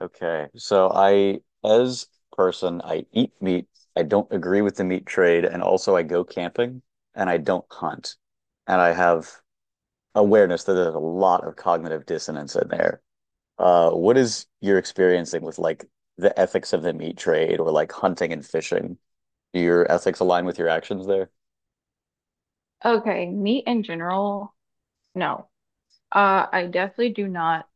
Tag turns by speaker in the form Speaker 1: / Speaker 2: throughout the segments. Speaker 1: Okay. So I, as a person, I eat meat. I don't agree with the meat trade, and also I go camping and I don't hunt. And I have awareness that there's a lot of cognitive dissonance in there. What is your experiencing with the ethics of the meat trade or like hunting and fishing? Do your ethics align with your actions there?
Speaker 2: Okay, meat in general, no. I definitely do not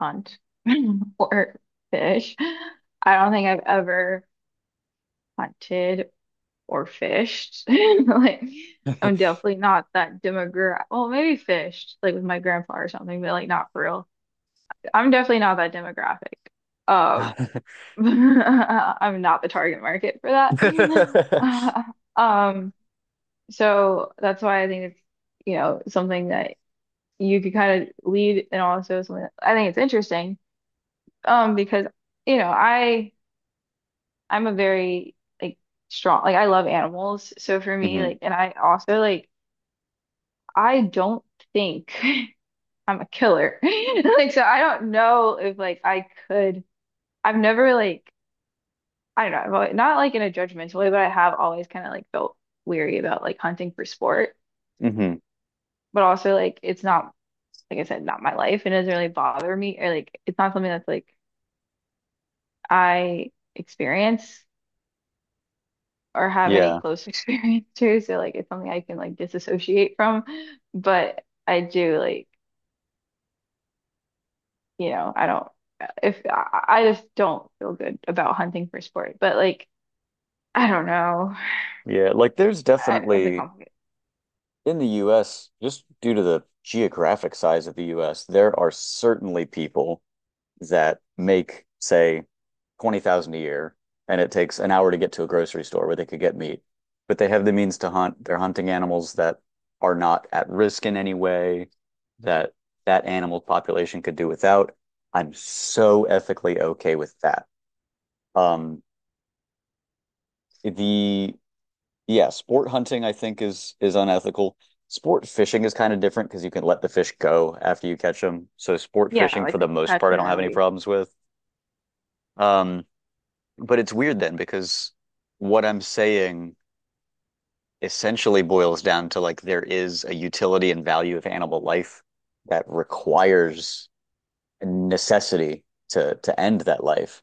Speaker 2: hunt or fish. I don't think I've ever hunted or fished. Like, I'm definitely not that demographic. Well, maybe fished, like with my grandpa or something, but like not for real. I'm definitely not that demographic. Um, I'm not the target market for that. Um, so that's why I think it's, you know, something that you could kind of lead, and also something I think it's interesting because you know I I'm a very like strong, like I love animals, so for me
Speaker 1: hmm
Speaker 2: like, and I also like, I don't think I'm a killer like so I don't know if like I could, I've never like, I don't know, I've always, not like in a judgmental way, but I have always kind of like felt weary about like hunting for sport,
Speaker 1: hmm
Speaker 2: but also like it's not, like I said, not my life, and it doesn't really bother me, or like it's not something that's like I experience or have any
Speaker 1: Yeah.
Speaker 2: close experience to. So like it's something I can like disassociate from. But I do like, I don't if I just don't feel good about hunting for sport. But like I don't know.
Speaker 1: Yeah. Like there's
Speaker 2: It's a
Speaker 1: definitely
Speaker 2: complicated.
Speaker 1: in the US, just due to the geographic size of the US, there are certainly people that make, say, 20,000 a year, and it takes an hour to get to a grocery store where they could get meat. But they have the means to hunt. They're hunting animals that are not at risk in any way, that that animal population could do without. I'm so ethically okay with that. Um, the Yeah, sport hunting I think is unethical. Sport fishing is kind of different because you can let the fish go after you catch them. So sport
Speaker 2: Yeah,
Speaker 1: fishing for
Speaker 2: like the
Speaker 1: the most
Speaker 2: catch
Speaker 1: part I
Speaker 2: and
Speaker 1: don't have any
Speaker 2: release.
Speaker 1: problems with. Um, but it's weird then because what I'm saying essentially boils down to like there is a utility and value of animal life that requires a necessity to end that life.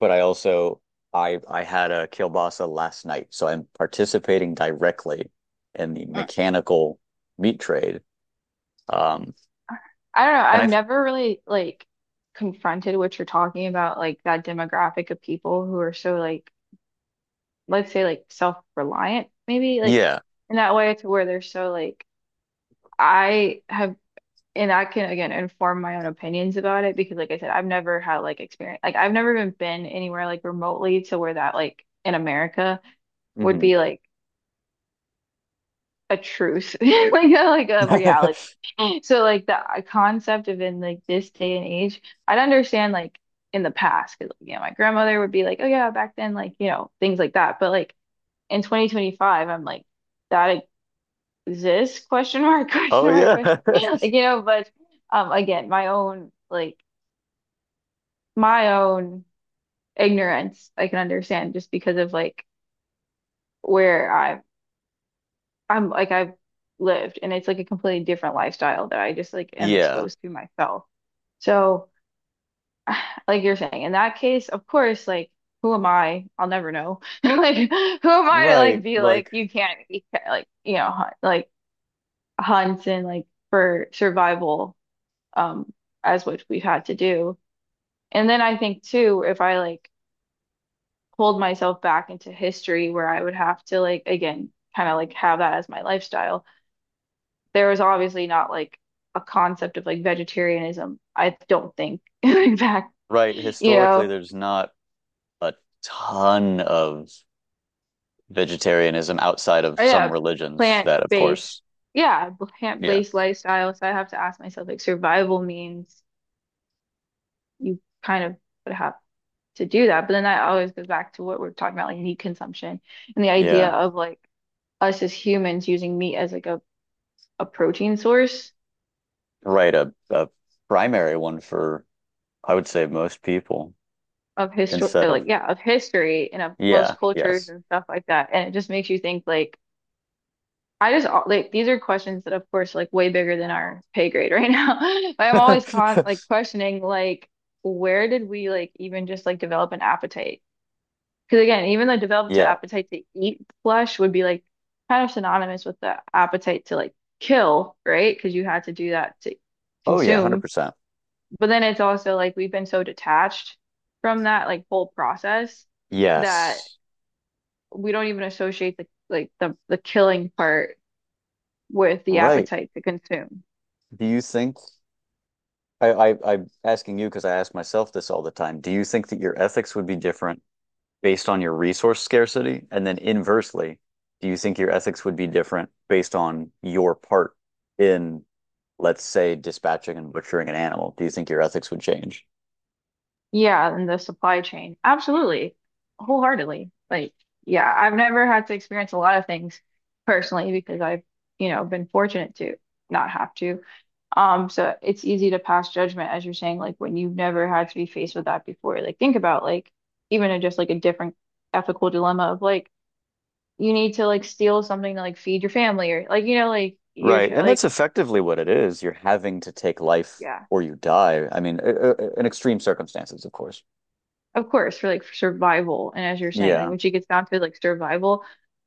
Speaker 1: But I also I had a kielbasa last night, so I'm participating directly in the
Speaker 2: Mm.
Speaker 1: mechanical meat trade. Um,
Speaker 2: I don't know.
Speaker 1: and I
Speaker 2: I've never really like confronted what you're talking about, like that demographic of people who are so like, let's say like self-reliant, maybe like,
Speaker 1: Yeah,
Speaker 2: in that way to where they're so like, I have, and I can again inform my own opinions about it because, like I said, I've never had like experience, like I've never even been anywhere like remotely to where that, like in America, would
Speaker 1: hmm
Speaker 2: be like a truce, like a reality. So like the concept of, in like this day and age, I'd understand like in the past because yeah, my grandmother would be like, oh yeah, back then, like you know things like that. But like in 2025, I'm like that. This question mark
Speaker 1: oh yeah,
Speaker 2: question mark like you know, but again my own like my own ignorance I can understand just because of like where I've, I'm like I've lived, and it's like a completely different lifestyle that I just like am
Speaker 1: yeah,
Speaker 2: exposed to myself. So like you're saying, in that case of course like, who am I, I'll never know like, who am I to like
Speaker 1: right.
Speaker 2: be like, you can't like hunt, like hunt and like for survival, um, as what we've had to do. And then I think too, if I like pulled myself back into history where I would have to like again kind of like have that as my lifestyle, there was obviously not like a concept of like vegetarianism. I don't think back,
Speaker 1: Right,
Speaker 2: you
Speaker 1: historically,
Speaker 2: know,
Speaker 1: there's not a ton of vegetarianism outside of
Speaker 2: or
Speaker 1: some religions that, of
Speaker 2: plant-based,
Speaker 1: course,
Speaker 2: yeah,
Speaker 1: yeah,
Speaker 2: plant-based lifestyle. So I have to ask myself, like survival means you kind of would have to do that. But then that always goes back to what we're talking about, like meat consumption and the idea
Speaker 1: yeah,
Speaker 2: of like us as humans using meat as like a protein source
Speaker 1: right. A primary one for I would say most people
Speaker 2: of history,
Speaker 1: instead of
Speaker 2: like yeah, of history and of
Speaker 1: yeah,
Speaker 2: most cultures
Speaker 1: yes.
Speaker 2: and stuff like that, and it just makes you think like, I just like, these are questions that of course like way bigger than our pay grade right now, but I'm always con, like questioning like where did we like even just like develop an appetite, because again even the develop to
Speaker 1: Yeah.
Speaker 2: appetite to eat flesh would be like kind of synonymous with the appetite to like kill, right? Because you had to do that to
Speaker 1: Oh yeah,
Speaker 2: consume.
Speaker 1: 100%.
Speaker 2: But then it's also like we've been so detached from that like whole process, that
Speaker 1: Yes.
Speaker 2: we don't even associate the like, the killing part with the
Speaker 1: Right.
Speaker 2: appetite to consume.
Speaker 1: Do you think I'm asking you because I ask myself this all the time. Do you think that your ethics would be different based on your resource scarcity? And then inversely, do you think your ethics would be different based on your part in, let's say, dispatching and butchering an animal? Do you think your ethics would change?
Speaker 2: Yeah, and the supply chain. Absolutely. Wholeheartedly. Like, yeah, I've never had to experience a lot of things personally because I've, you know, been fortunate to not have to. So it's easy to pass judgment, as you're saying, like when you've never had to be faced with that before. Like think about like even a, just like a different ethical dilemma of like, you need to like steal something to like feed your family, or like you know like you're
Speaker 1: Right. And that's
Speaker 2: like
Speaker 1: effectively what it is. You're having to take life
Speaker 2: yeah,
Speaker 1: or you die. I mean, in extreme circumstances, of course.
Speaker 2: of course for like survival. And as you're saying, like
Speaker 1: Yeah,
Speaker 2: when she gets down to like survival,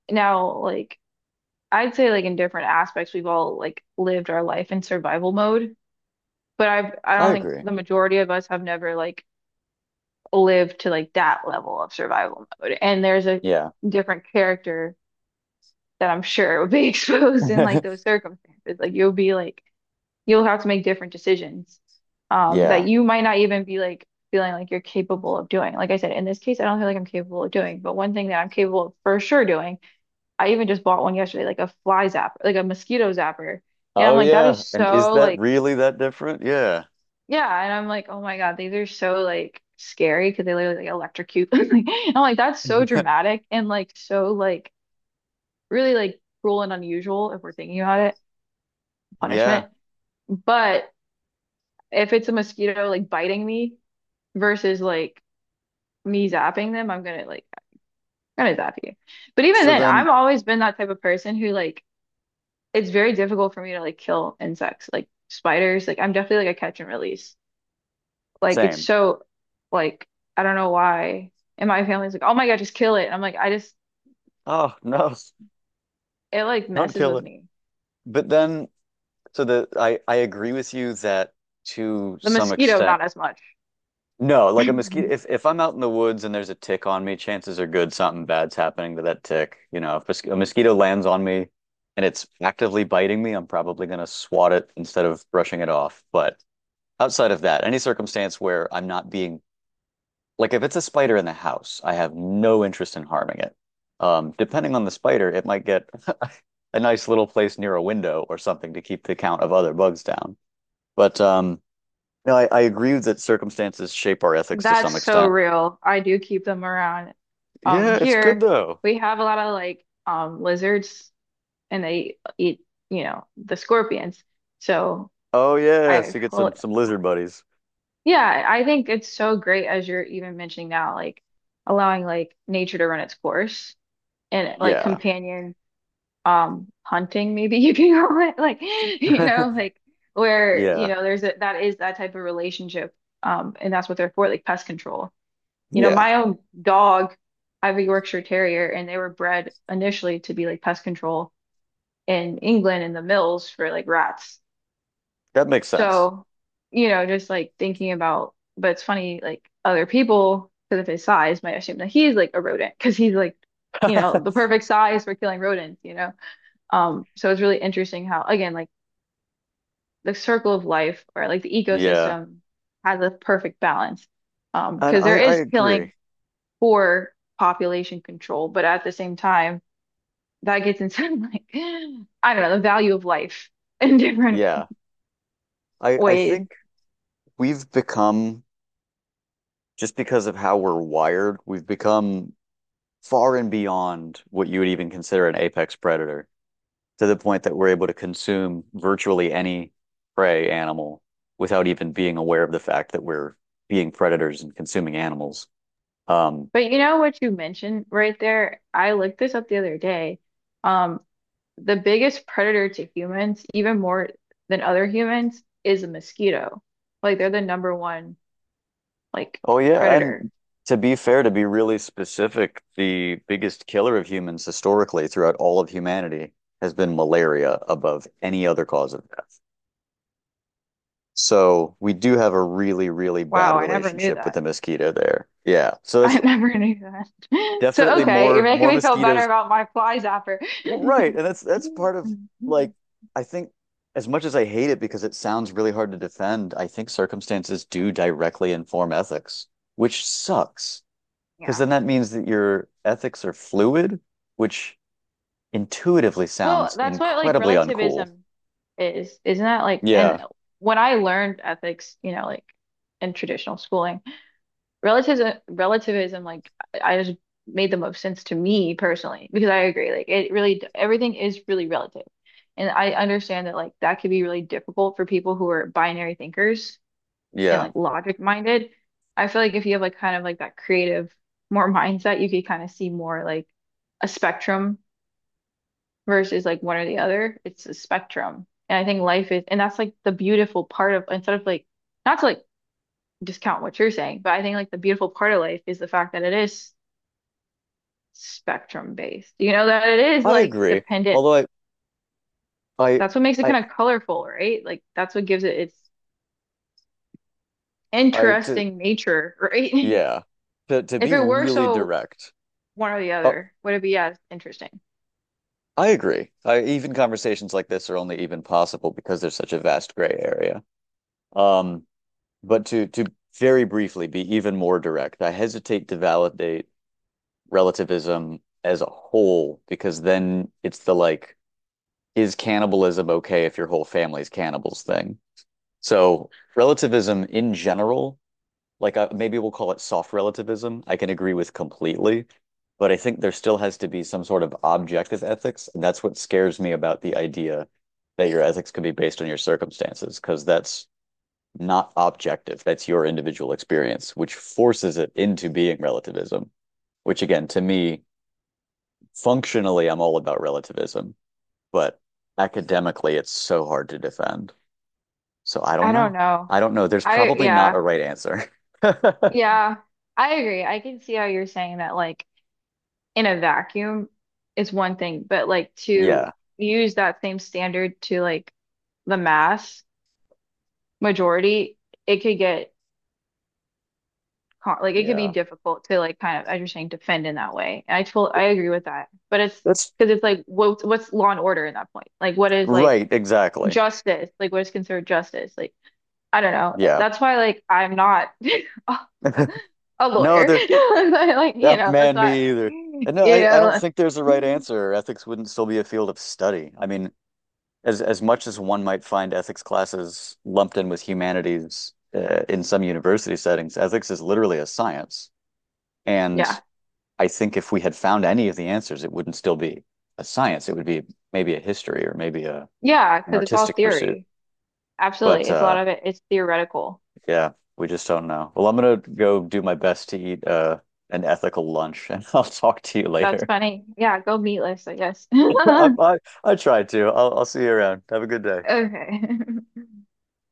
Speaker 2: now like I'd say like in different aspects we've all like lived our life in survival mode, but I
Speaker 1: I
Speaker 2: don't think
Speaker 1: agree.
Speaker 2: the majority of us have never like live to like that level of survival mode. And there's a
Speaker 1: Yeah.
Speaker 2: different character that I'm sure would be exposed in like those circumstances. Like you'll be like, you'll have to make different decisions that
Speaker 1: Yeah.
Speaker 2: you might not even be like feeling like you're capable of doing. Like I said, in this case, I don't feel like I'm capable of doing, but one thing that I'm capable of for sure doing, I even just bought one yesterday, like a fly zapper, like a mosquito zapper. And I'm
Speaker 1: Oh,
Speaker 2: like, that
Speaker 1: yeah.
Speaker 2: is
Speaker 1: And is
Speaker 2: so
Speaker 1: that
Speaker 2: like,
Speaker 1: really that different? Yeah.
Speaker 2: yeah, and I'm like, oh my God, these are so like scary, because they literally like electrocute. Like, I'm like, that's so dramatic and like so like really like cruel and unusual, if we're thinking about it,
Speaker 1: Yeah.
Speaker 2: punishment. But if it's a mosquito like biting me versus like me zapping them, I'm gonna like, I'm gonna zap you. But even
Speaker 1: So
Speaker 2: then,
Speaker 1: then,
Speaker 2: I've always been that type of person who like, it's very difficult for me to like kill insects, like spiders. Like I'm definitely like a catch and release. Like it's
Speaker 1: same.
Speaker 2: so like, I don't know why. And my family's like, "Oh my God, just kill it." And I'm like, I just,
Speaker 1: Oh, no.
Speaker 2: it like
Speaker 1: Don't
Speaker 2: messes
Speaker 1: kill
Speaker 2: with
Speaker 1: it.
Speaker 2: me.
Speaker 1: But then, so the I agree with you that to
Speaker 2: The
Speaker 1: some
Speaker 2: mosquito,
Speaker 1: extent,
Speaker 2: not as much.
Speaker 1: no, like a mosquito. If I'm out in the woods and there's a tick on me, chances are good something bad's happening to that tick. You know, if a mosquito lands on me and it's actively biting me, I'm probably gonna swat it instead of brushing it off. But outside of that, any circumstance where I'm not being like if it's a spider in the house, I have no interest in harming it. Depending on the spider, it might get a nice little place near a window or something to keep the count of other bugs down. But No, I agree that circumstances shape our ethics to
Speaker 2: That's
Speaker 1: some
Speaker 2: so
Speaker 1: extent.
Speaker 2: real. I do keep them around.
Speaker 1: Yeah, it's good
Speaker 2: Here
Speaker 1: though.
Speaker 2: we have a lot of like lizards, and they eat, you know, the scorpions. So
Speaker 1: Oh yes,
Speaker 2: I,
Speaker 1: you get
Speaker 2: well,
Speaker 1: some lizard buddies.
Speaker 2: yeah, I think it's so great, as you're even mentioning now, like allowing like nature to run its course, and like
Speaker 1: Yeah,
Speaker 2: companion hunting maybe, you can call it, like you know like, where you
Speaker 1: yeah,
Speaker 2: know there's a, that is that type of relationship, and that's what they're for, like pest control. You know,
Speaker 1: yeah.
Speaker 2: my own dog, I have a Yorkshire Terrier and they were bred initially to be like pest control in England in the mills for like rats.
Speaker 1: That makes sense.
Speaker 2: So, you know, just like thinking about, but it's funny like other people, because of his size, might assume that he's like a rodent because he's like, you know, the perfect size for killing rodents, you know. So it's really interesting how, again, like the circle of life or like the
Speaker 1: Yeah,
Speaker 2: ecosystem has a perfect balance.
Speaker 1: and
Speaker 2: Because there
Speaker 1: I
Speaker 2: is
Speaker 1: agree.
Speaker 2: killing for population control, but at the same time, that gets inside like, I don't know, the value of life in different
Speaker 1: Yeah, I
Speaker 2: ways.
Speaker 1: think we've become just because of how we're wired, we've become far and beyond what you would even consider an apex predator, to the point that we're able to consume virtually any prey animal without even being aware of the fact that we're being predators and consuming animals. Um,
Speaker 2: But you know what you mentioned right there? I looked this up the other day. Um, the biggest predator to humans, even more than other humans, is a mosquito. Like they're the number one like
Speaker 1: oh yeah,
Speaker 2: predator.
Speaker 1: and to be fair, to be really specific, the biggest killer of humans historically throughout all of humanity has been malaria above any other cause of death. So we do have a really, really bad
Speaker 2: Wow, I never knew
Speaker 1: relationship with
Speaker 2: that.
Speaker 1: the mosquito there. Yeah. So it's
Speaker 2: I never knew that. So,
Speaker 1: definitely
Speaker 2: okay, you're making
Speaker 1: more
Speaker 2: me feel better
Speaker 1: mosquitoes.
Speaker 2: about my fly zapper.
Speaker 1: Well, right, and that's part of like I think as much as I hate it because it sounds really hard to defend, I think circumstances do directly inform ethics, which sucks because
Speaker 2: Yeah.
Speaker 1: then that means that your ethics are fluid, which intuitively
Speaker 2: Well,
Speaker 1: sounds
Speaker 2: that's what like
Speaker 1: incredibly uncool.
Speaker 2: relativism is, isn't that like? And
Speaker 1: Yeah,
Speaker 2: when I learned ethics, you know, like in traditional schooling, relativism, like I just made the most sense to me personally, because I agree, like it really, everything is really relative, and I understand that like that could be really difficult for people who are binary thinkers and
Speaker 1: yeah,
Speaker 2: like logic minded. I feel like if you have like kind of like that creative more mindset, you could kind of see more like a spectrum versus like one or the other. It's a spectrum. And I think life is, and that's like the beautiful part of, instead of like, not to like discount what you're saying, but I think like the beautiful part of life is the fact that it is spectrum based, you know, that it is
Speaker 1: I
Speaker 2: like
Speaker 1: agree.
Speaker 2: dependent.
Speaker 1: Although I,
Speaker 2: That's what makes it
Speaker 1: I,
Speaker 2: kind of colorful, right? Like that's what gives it its
Speaker 1: I, to,
Speaker 2: interesting nature, right?
Speaker 1: yeah, to
Speaker 2: If
Speaker 1: be
Speaker 2: it were
Speaker 1: really
Speaker 2: so
Speaker 1: direct,
Speaker 2: one or the
Speaker 1: uh,
Speaker 2: other. Would it be as interesting?
Speaker 1: I agree. I, even conversations like this are only even possible because there's such a vast gray area. Um, but to very briefly be even more direct, I hesitate to validate relativism as a whole because then it's the like, is cannibalism okay if your whole family's cannibals thing? So relativism in general maybe we'll call it soft relativism, I can agree with completely, but I think there still has to be some sort of objective ethics, and that's what scares me about the idea that your ethics can be based on your circumstances, because that's not objective. That's your individual experience, which forces it into being relativism, which again, to me, functionally, I'm all about relativism, but academically, it's so hard to defend. So I
Speaker 2: I
Speaker 1: don't
Speaker 2: don't
Speaker 1: know.
Speaker 2: know.
Speaker 1: I don't know. There's
Speaker 2: I
Speaker 1: probably not
Speaker 2: yeah.
Speaker 1: a right answer.
Speaker 2: Yeah. I agree. I can see how you're saying that, like in a vacuum is one thing, but like to
Speaker 1: Yeah.
Speaker 2: use that same standard to like the mass majority, it could get like it could be
Speaker 1: Yeah.
Speaker 2: difficult to like kind of, as you're saying, defend in that way. And I told I agree with that, but it's
Speaker 1: That's
Speaker 2: because it's like, what what's law and order in that point? Like what is like
Speaker 1: right, exactly.
Speaker 2: justice? Like what is considered justice? Like I don't know.
Speaker 1: Yeah.
Speaker 2: That's why, like, I'm not a a
Speaker 1: No,
Speaker 2: lawyer.
Speaker 1: they're
Speaker 2: But, like, you
Speaker 1: that
Speaker 2: know, that's
Speaker 1: man
Speaker 2: why I'm
Speaker 1: me
Speaker 2: like,
Speaker 1: either. And no,
Speaker 2: you
Speaker 1: I don't
Speaker 2: know,
Speaker 1: think there's a
Speaker 2: like,
Speaker 1: right answer. Ethics wouldn't still be a field of study. I mean, as much as one might find ethics classes lumped in with humanities in some university settings, ethics is literally a science. And
Speaker 2: yeah,
Speaker 1: I think if we had found any of the answers, it wouldn't still be a science. It would be maybe a history or maybe a
Speaker 2: yeah,
Speaker 1: an
Speaker 2: because it's all
Speaker 1: artistic pursuit.
Speaker 2: theory. Absolutely,
Speaker 1: But
Speaker 2: it's a lot of it. It's theoretical.
Speaker 1: Yeah, we just don't know. Well, I'm gonna go do my best to eat an ethical lunch, and I'll talk to you
Speaker 2: That's
Speaker 1: later.
Speaker 2: funny. Yeah, go meatless, I guess.
Speaker 1: I I, I tried to. I'll see you around. Have a good day.
Speaker 2: Okay.